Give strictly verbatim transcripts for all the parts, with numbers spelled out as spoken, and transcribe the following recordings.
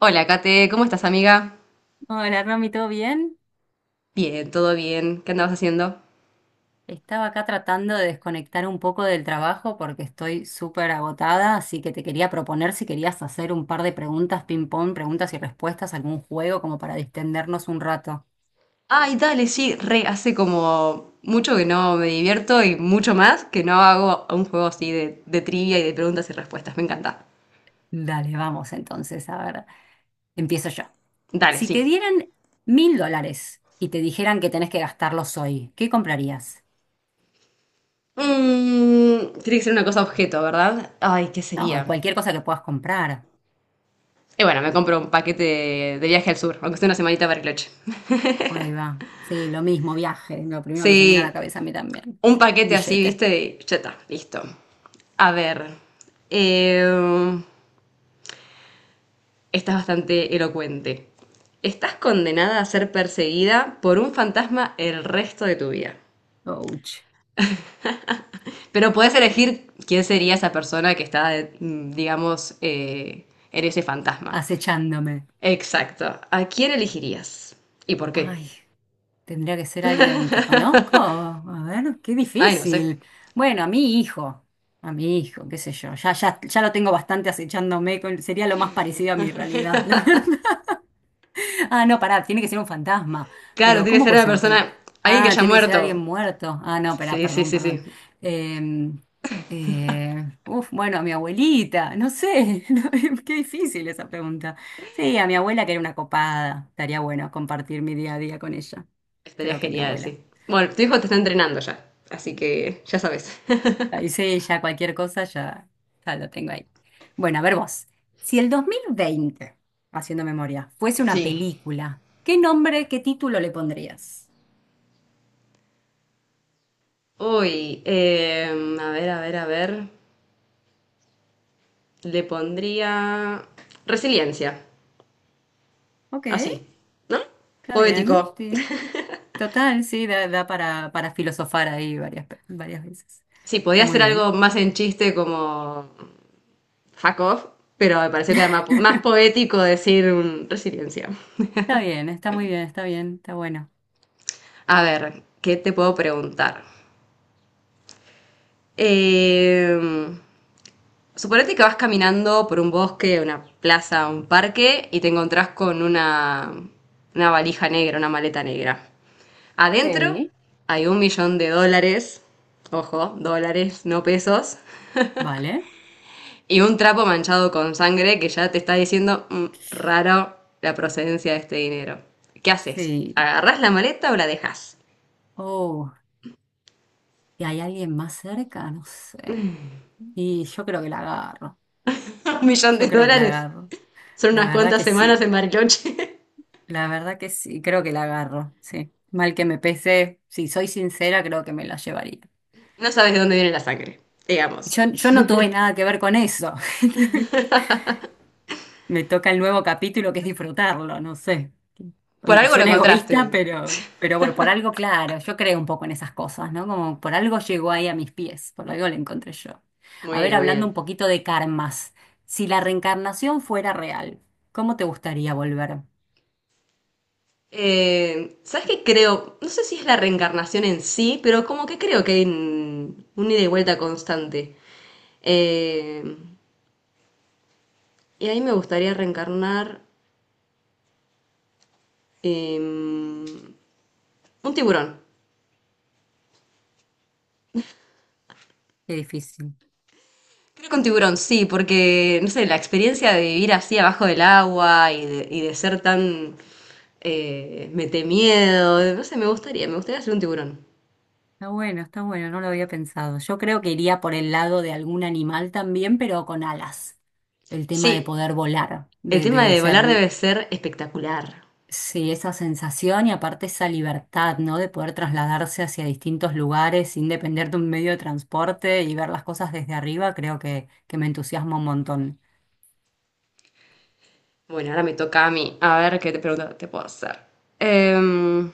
Hola, Kate, ¿cómo estás, amiga? Hola, Romy, ¿todo bien? Bien, todo bien. ¿Qué andabas haciendo? Estaba acá tratando de desconectar un poco del trabajo porque estoy súper agotada, así que te quería proponer si querías hacer un par de preguntas ping-pong, preguntas y respuestas, algún juego como para distendernos un rato. Ay, dale, sí, re, hace como mucho que no me divierto y mucho más que no hago un juego así de, de trivia y de preguntas y respuestas. Me encanta. Dale, vamos entonces, a ver, empiezo yo. Dale, Si sí. te dieran mil dólares y te dijeran que tenés que gastarlos hoy, ¿qué comprarías? Mm, tiene que ser una cosa objeto, ¿verdad? Ay, ¿qué No, sería? cualquier cosa que puedas comprar. Y bueno, me compro un paquete de, de viaje al sur, aunque sea una semanita para Cloche. Ahí va. Sí, lo mismo, viaje, lo primero que se me viene a la Sí, cabeza a mí también. un Sí, paquete así, billete. ¿viste? Y ya está, listo. A ver. eh, Esta es bastante elocuente. Estás condenada a ser perseguida por un fantasma el resto de tu vida. Ouch. Pero puedes elegir quién sería esa persona que está, mm, digamos, eh, en ese fantasma. Acechándome. Exacto. ¿A quién elegirías? ¿Y por qué? Ay, tendría que ser alguien que conozco. A ver, qué Ay, no sé. difícil. Bueno, a mi hijo, a mi hijo, qué sé yo. Ya, ya, ya lo tengo bastante acechándome. Con- sería lo más parecido a mi realidad. Ah, no, pará, tiene que ser un fantasma. Claro, Pero, tiene que ¿cómo ser puede una ser un fantasma? persona, alguien que Ah, haya tiene que ser alguien muerto. muerto. Ah, no, pará, Sí, sí, perdón, sí, sí. perdón. Eh, eh, Uf, bueno, a mi abuelita, no sé. No, qué difícil esa pregunta. Sí, a mi abuela que era una copada. Estaría bueno compartir mi día a día con ella. Estaría Creo que mi genial, abuela. sí. Bueno, tu hijo te está entrenando ya, así que ya sabes. Y sí, ya cualquier cosa ya, ya lo tengo ahí. Bueno, a ver vos. Si el dos mil veinte, haciendo memoria, fuese una Sí. película, ¿qué nombre, qué título le pondrías? Uy, eh, a ver, a ver, a ver. Le pondría resiliencia, Ok. así, ¿no? Está bien, Poético. sí. Total, sí, da, da para, para filosofar ahí varias, pe- varias veces. Sí, podía Está muy hacer bien. algo más en chiste como fuck off, pero me pareció que era más, po- más poético decir un- resiliencia. Está bien, está muy bien, está bien, está bueno. A ver, ¿qué te puedo preguntar? Eh, suponete que vas caminando por un bosque, una plaza, un parque y te encontrás con una, una valija negra, una maleta negra. Adentro Sí. hay un millón de dólares, ojo, dólares, no pesos, Vale, y un trapo manchado con sangre que ya te está diciendo "Mm, raro la procedencia de este dinero. ¿Qué haces? sí. ¿Agarrás la maleta o la dejas? Oh, ¿y hay alguien más cerca? No sé. Y yo creo que la agarro. Un millón de Yo creo que la dólares. agarro. Son La unas verdad cuantas que semanas sí. en Bariloche. La verdad que sí. Creo que la agarro. Sí. Mal que me pese, si soy sincera, creo que me la llevaría. No sabes de dónde viene la sangre, digamos. Yo, yo no tuve nada que ver con eso. Me toca el nuevo capítulo que es disfrutarlo, no sé. Por Y algo lo suena encontraste. egoísta, pero, pero bueno, por algo, claro, yo creo un poco en esas cosas, ¿no? Como por algo llegó ahí a mis pies, por algo lo encontré yo. A Muy ver, bien, muy hablando un bien. poquito de karmas, si la reencarnación fuera real, ¿cómo te gustaría volver? Eh, ¿Sabes qué creo? No sé si es la reencarnación en sí, pero como que creo que hay un, un ida y vuelta constante. Eh, y ahí me gustaría reencarnar eh, un tiburón. Qué difícil. Creo que un tiburón, sí, porque, no sé, la experiencia de vivir así abajo del agua y de, y de ser tan... eh, mete miedo, no sé, me gustaría, me gustaría ser un tiburón. Está bueno, está bueno, no lo había pensado. Yo creo que iría por el lado de algún animal también, pero con alas. El tema de Sí, poder volar, el de, tema de de volar ser. debe ser espectacular. Sí, esa sensación y aparte esa libertad, ¿no? De poder trasladarse hacia distintos lugares sin depender de un medio de transporte y ver las cosas desde arriba, creo que, que me entusiasma un montón. Bueno, ahora me toca a mí. A ver qué te pregunta te puedo hacer. Em,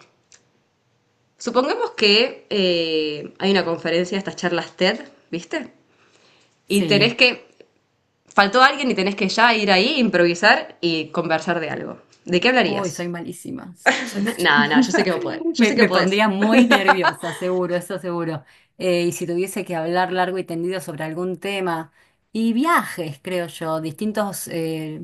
supongamos que eh, hay una conferencia, estas charlas TED, ¿viste? Y tenés Sí. que faltó alguien y tenés que ya ir ahí, improvisar y conversar de algo. ¿De qué Uy, hablarías? soy malísima. Soy Nada, nada, yo sé malísima. que vos podés. Yo Me, sé que me podés. pondría muy nerviosa, seguro, eso seguro. Eh, y si tuviese que hablar largo y tendido sobre algún tema. Y viajes, creo yo, distintos eh,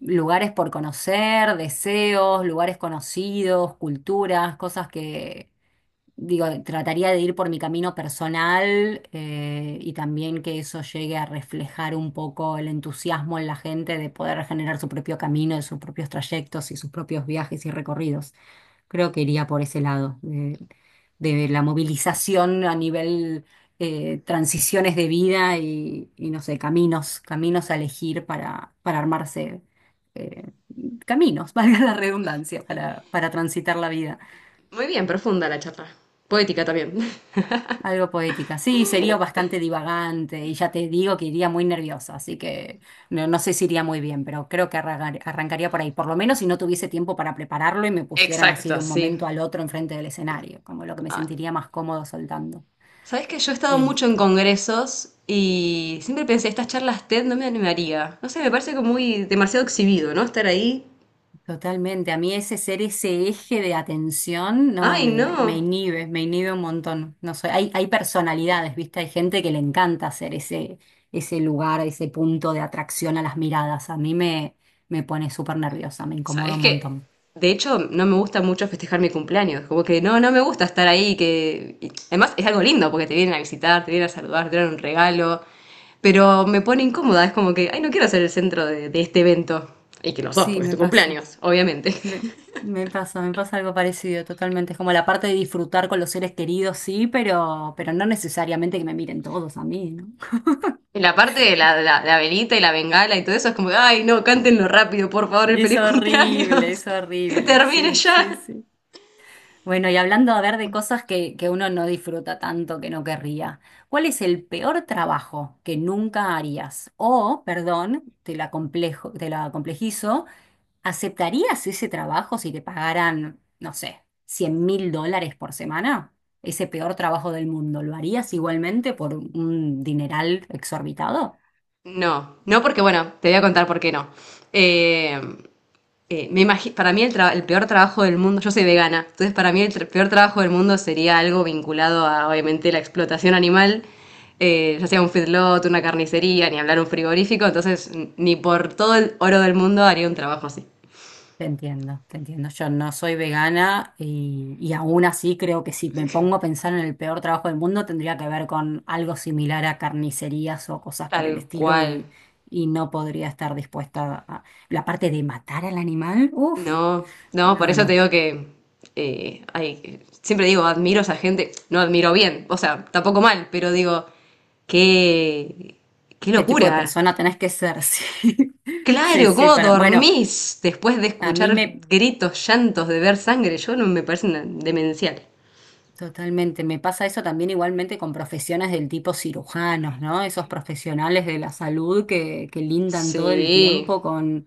lugares por conocer, deseos, lugares conocidos, culturas, cosas que digo, trataría de ir por mi camino personal, eh, y también que eso llegue a reflejar un poco el entusiasmo en la gente de poder generar su propio camino, de sus propios trayectos y sus propios viajes y recorridos. Creo que iría por ese lado, de, de la movilización a nivel, eh, transiciones de vida y, y no sé, caminos, caminos a elegir para, para armarse. eh, Caminos, valga la redundancia, para, para transitar la vida. Muy bien, profunda la charla. Poética también. Algo poética. Sí, sería bastante divagante y ya te digo que iría muy nerviosa, así que no, no sé si iría muy bien, pero creo que arrancar- arrancaría por ahí, por lo menos si no tuviese tiempo para prepararlo y me pusieran así de Exacto, un momento sí. al otro enfrente del escenario, como lo que me sentiría más cómodo soltando. Sabes que yo he estado mucho en congresos y siempre pensé, estas charlas TED no me animaría. No sé, me parece como muy demasiado exhibido, ¿no? Estar ahí. Totalmente. A mí ese ser ese eje de atención no Ay, me, me no. inhibe, me inhibe un montón. No soy, hay, hay personalidades, ¿viste? Hay gente que le encanta ser ese, ese lugar, ese punto de atracción a las miradas. A mí me, me pone súper nerviosa, me incomoda Sabes un que, montón. de hecho, no me gusta mucho festejar mi cumpleaños. Como que no, no me gusta estar ahí. Que... y además, es algo lindo porque te vienen a visitar, te vienen a saludar, te dan un regalo. Pero me pone incómoda. Es como que, ay, no quiero ser el centro de, de este evento. Y que no sos, Sí, porque es me tu pasa. cumpleaños, obviamente. Me, me pasa, me pasa algo parecido, totalmente. Es como la parte de disfrutar con los seres queridos, sí, pero, pero no necesariamente que me miren todos a mí, ¿no? Y la parte de la, la- la velita y la bengala y todo eso es como, ay, no, cántenlo rápido, por favor, el Es feliz horrible, cumpleaños. es Que horrible. termine Sí, ya. sí, sí. Bueno, y hablando a ver de cosas que, que uno no disfruta tanto, que no querría, ¿cuál es el peor trabajo que nunca harías? O, perdón, te la complejo, te la complejizo, ¿aceptarías ese trabajo si te pagaran, no sé, cien mil dólares por semana? Ese peor trabajo del mundo, ¿lo harías igualmente por un dineral exorbitado? No, no porque, bueno, te voy a contar por qué no. Eh, eh, me imagi- para mí el, tra- el peor trabajo del mundo, yo soy vegana, entonces para mí el tra- peor trabajo del mundo sería algo vinculado a, obviamente, la explotación animal, eh, ya sea un feedlot, una carnicería, ni hablar un frigorífico, entonces n- ni por todo el oro del mundo haría un trabajo así. Te entiendo, te entiendo. Yo no soy vegana y, y aún así creo que si me pongo a pensar en el peor trabajo del mundo tendría que ver con algo similar a carnicerías o cosas por el Tal estilo cual. y, y no podría estar dispuesta a. La parte de matar al animal, uff, No, no, por no, eso te no. digo que eh, hay- siempre digo, admiro a esa gente, no admiro bien, o sea, tampoco mal, pero digo, qué, qué ¿Qué tipo de locura. persona tenés que ser? Sí, sí, Claro, sí, ¿cómo para. Bueno, dormís después de a escuchar mí me. gritos, llantos, de ver sangre? Yo no me parece una- demencial. Totalmente, me pasa eso también igualmente con profesiones del tipo cirujanos, ¿no? Esos profesionales de la salud que, que lindan todo el Sí, tiempo con,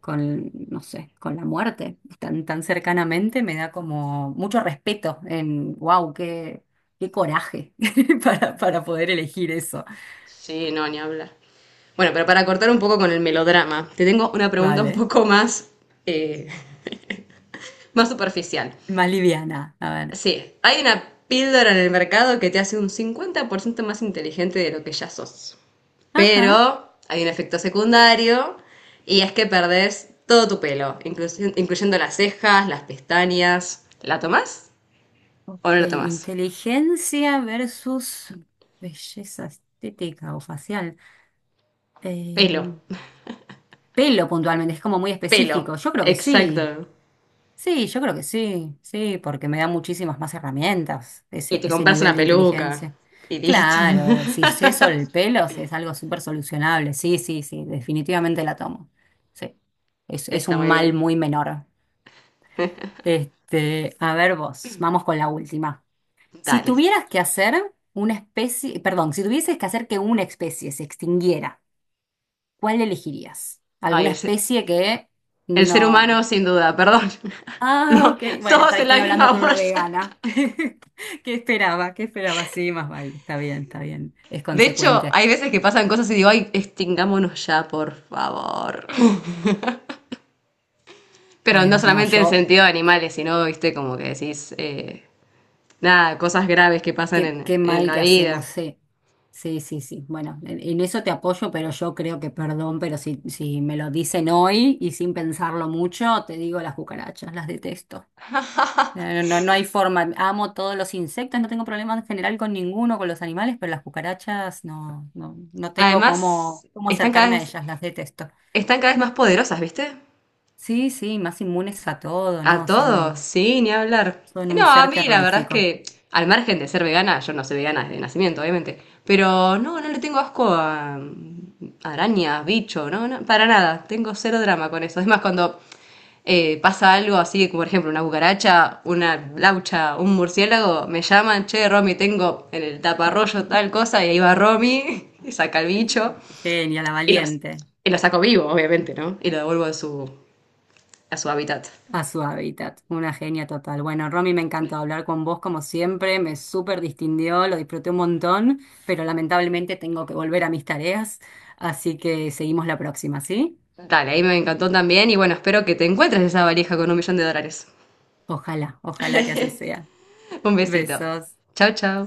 con, no sé, con la muerte, tan, tan cercanamente, me da como mucho respeto en, wow, qué, qué coraje para, para poder elegir eso. sí, no, ni hablar. Bueno, pero para cortar un poco con el melodrama, te tengo una pregunta un Vale, poco más, eh, más superficial. más liviana, a ver. Sí, hay una píldora en el mercado que te hace un cincuenta por ciento más inteligente de lo que ya sos. Ajá, Pero hay un efecto secundario y es que perdés todo tu pelo, inclusi- incluyendo las cejas, las pestañas. ¿La tomás o no ok, la tomás? inteligencia versus belleza estética o facial. Pelo, Em, Pelo puntualmente, es como muy pelo, específico. Yo creo que sí. exacto. Sí, yo creo que sí. Sí, porque me da muchísimas más herramientas Y ese, te ese compras nivel una de peluca inteligencia. y listo. Claro, si es eso el pelo, si es algo súper solucionable. Sí, sí, sí, definitivamente la tomo. Sí, es, es Está un muy mal bien. muy menor. Este, a ver vos, vamos con la última. Si Dale. tuvieras que hacer una especie, perdón, si tuvieses que hacer que una especie se extinguiera, ¿cuál elegirías? Ay, ¿Alguna el ser, especie que? el ser humano No. sin duda, perdón. Ah, No, ok. Bueno, todos está, en la estoy hablando misma con una bolsa. vegana. ¿Qué esperaba? ¿Qué esperaba? Sí, más vale. Está bien, está bien. Es De hecho, consecuente. hay veces que pasan cosas y digo, ay, extingámonos ya, por favor. Pero Ay, no va, no, solamente en yo, sentido de animales, sino, viste, como que decís, eh, nada, cosas graves que pasan qué, en, qué en mal la que hacemos, vida. sí. Sí, sí, sí. Bueno, en, en eso te apoyo, pero yo creo que, perdón, pero si, si me lo dicen hoy y sin pensarlo mucho, te digo las cucarachas, las detesto. No, no, no hay forma. Amo todos los insectos, no tengo problema en general con ninguno, con los animales, pero las cucarachas no, no, no tengo Además, cómo, cómo están cada acercarme a vez, ellas, las detesto. están cada vez más poderosas, viste. Sí, sí, más inmunes a todo, A ¿no? todos, Son, sí, ni hablar. son un No, a ser mí la verdad es terrorífico. que, al margen de ser vegana, yo no soy vegana desde nacimiento, obviamente. Pero no, no le tengo asco a a arañas, bicho, no, no, para nada. Tengo cero drama con eso. Es más, cuando eh, pasa algo así, como por ejemplo una cucaracha, una laucha, un murciélago, me llaman, che, Romy, tengo en el taparrollo tal cosa, y ahí va Romy y saca el bicho. Genia, la Y lo, valiente, y lo saco vivo, obviamente, ¿no? Y lo devuelvo a su, a su hábitat. a su hábitat, una genia total. Bueno, Romy, me encantó hablar con vos como siempre, me súper distinguió, lo disfruté un montón, pero lamentablemente tengo que volver a mis tareas, así que seguimos la próxima, ¿sí? Dale, ahí me encantó también y bueno, espero que te encuentres esa valija con un millón de dólares. Ojalá, ojalá que así sea. Un besito. Besos. Chao, chao.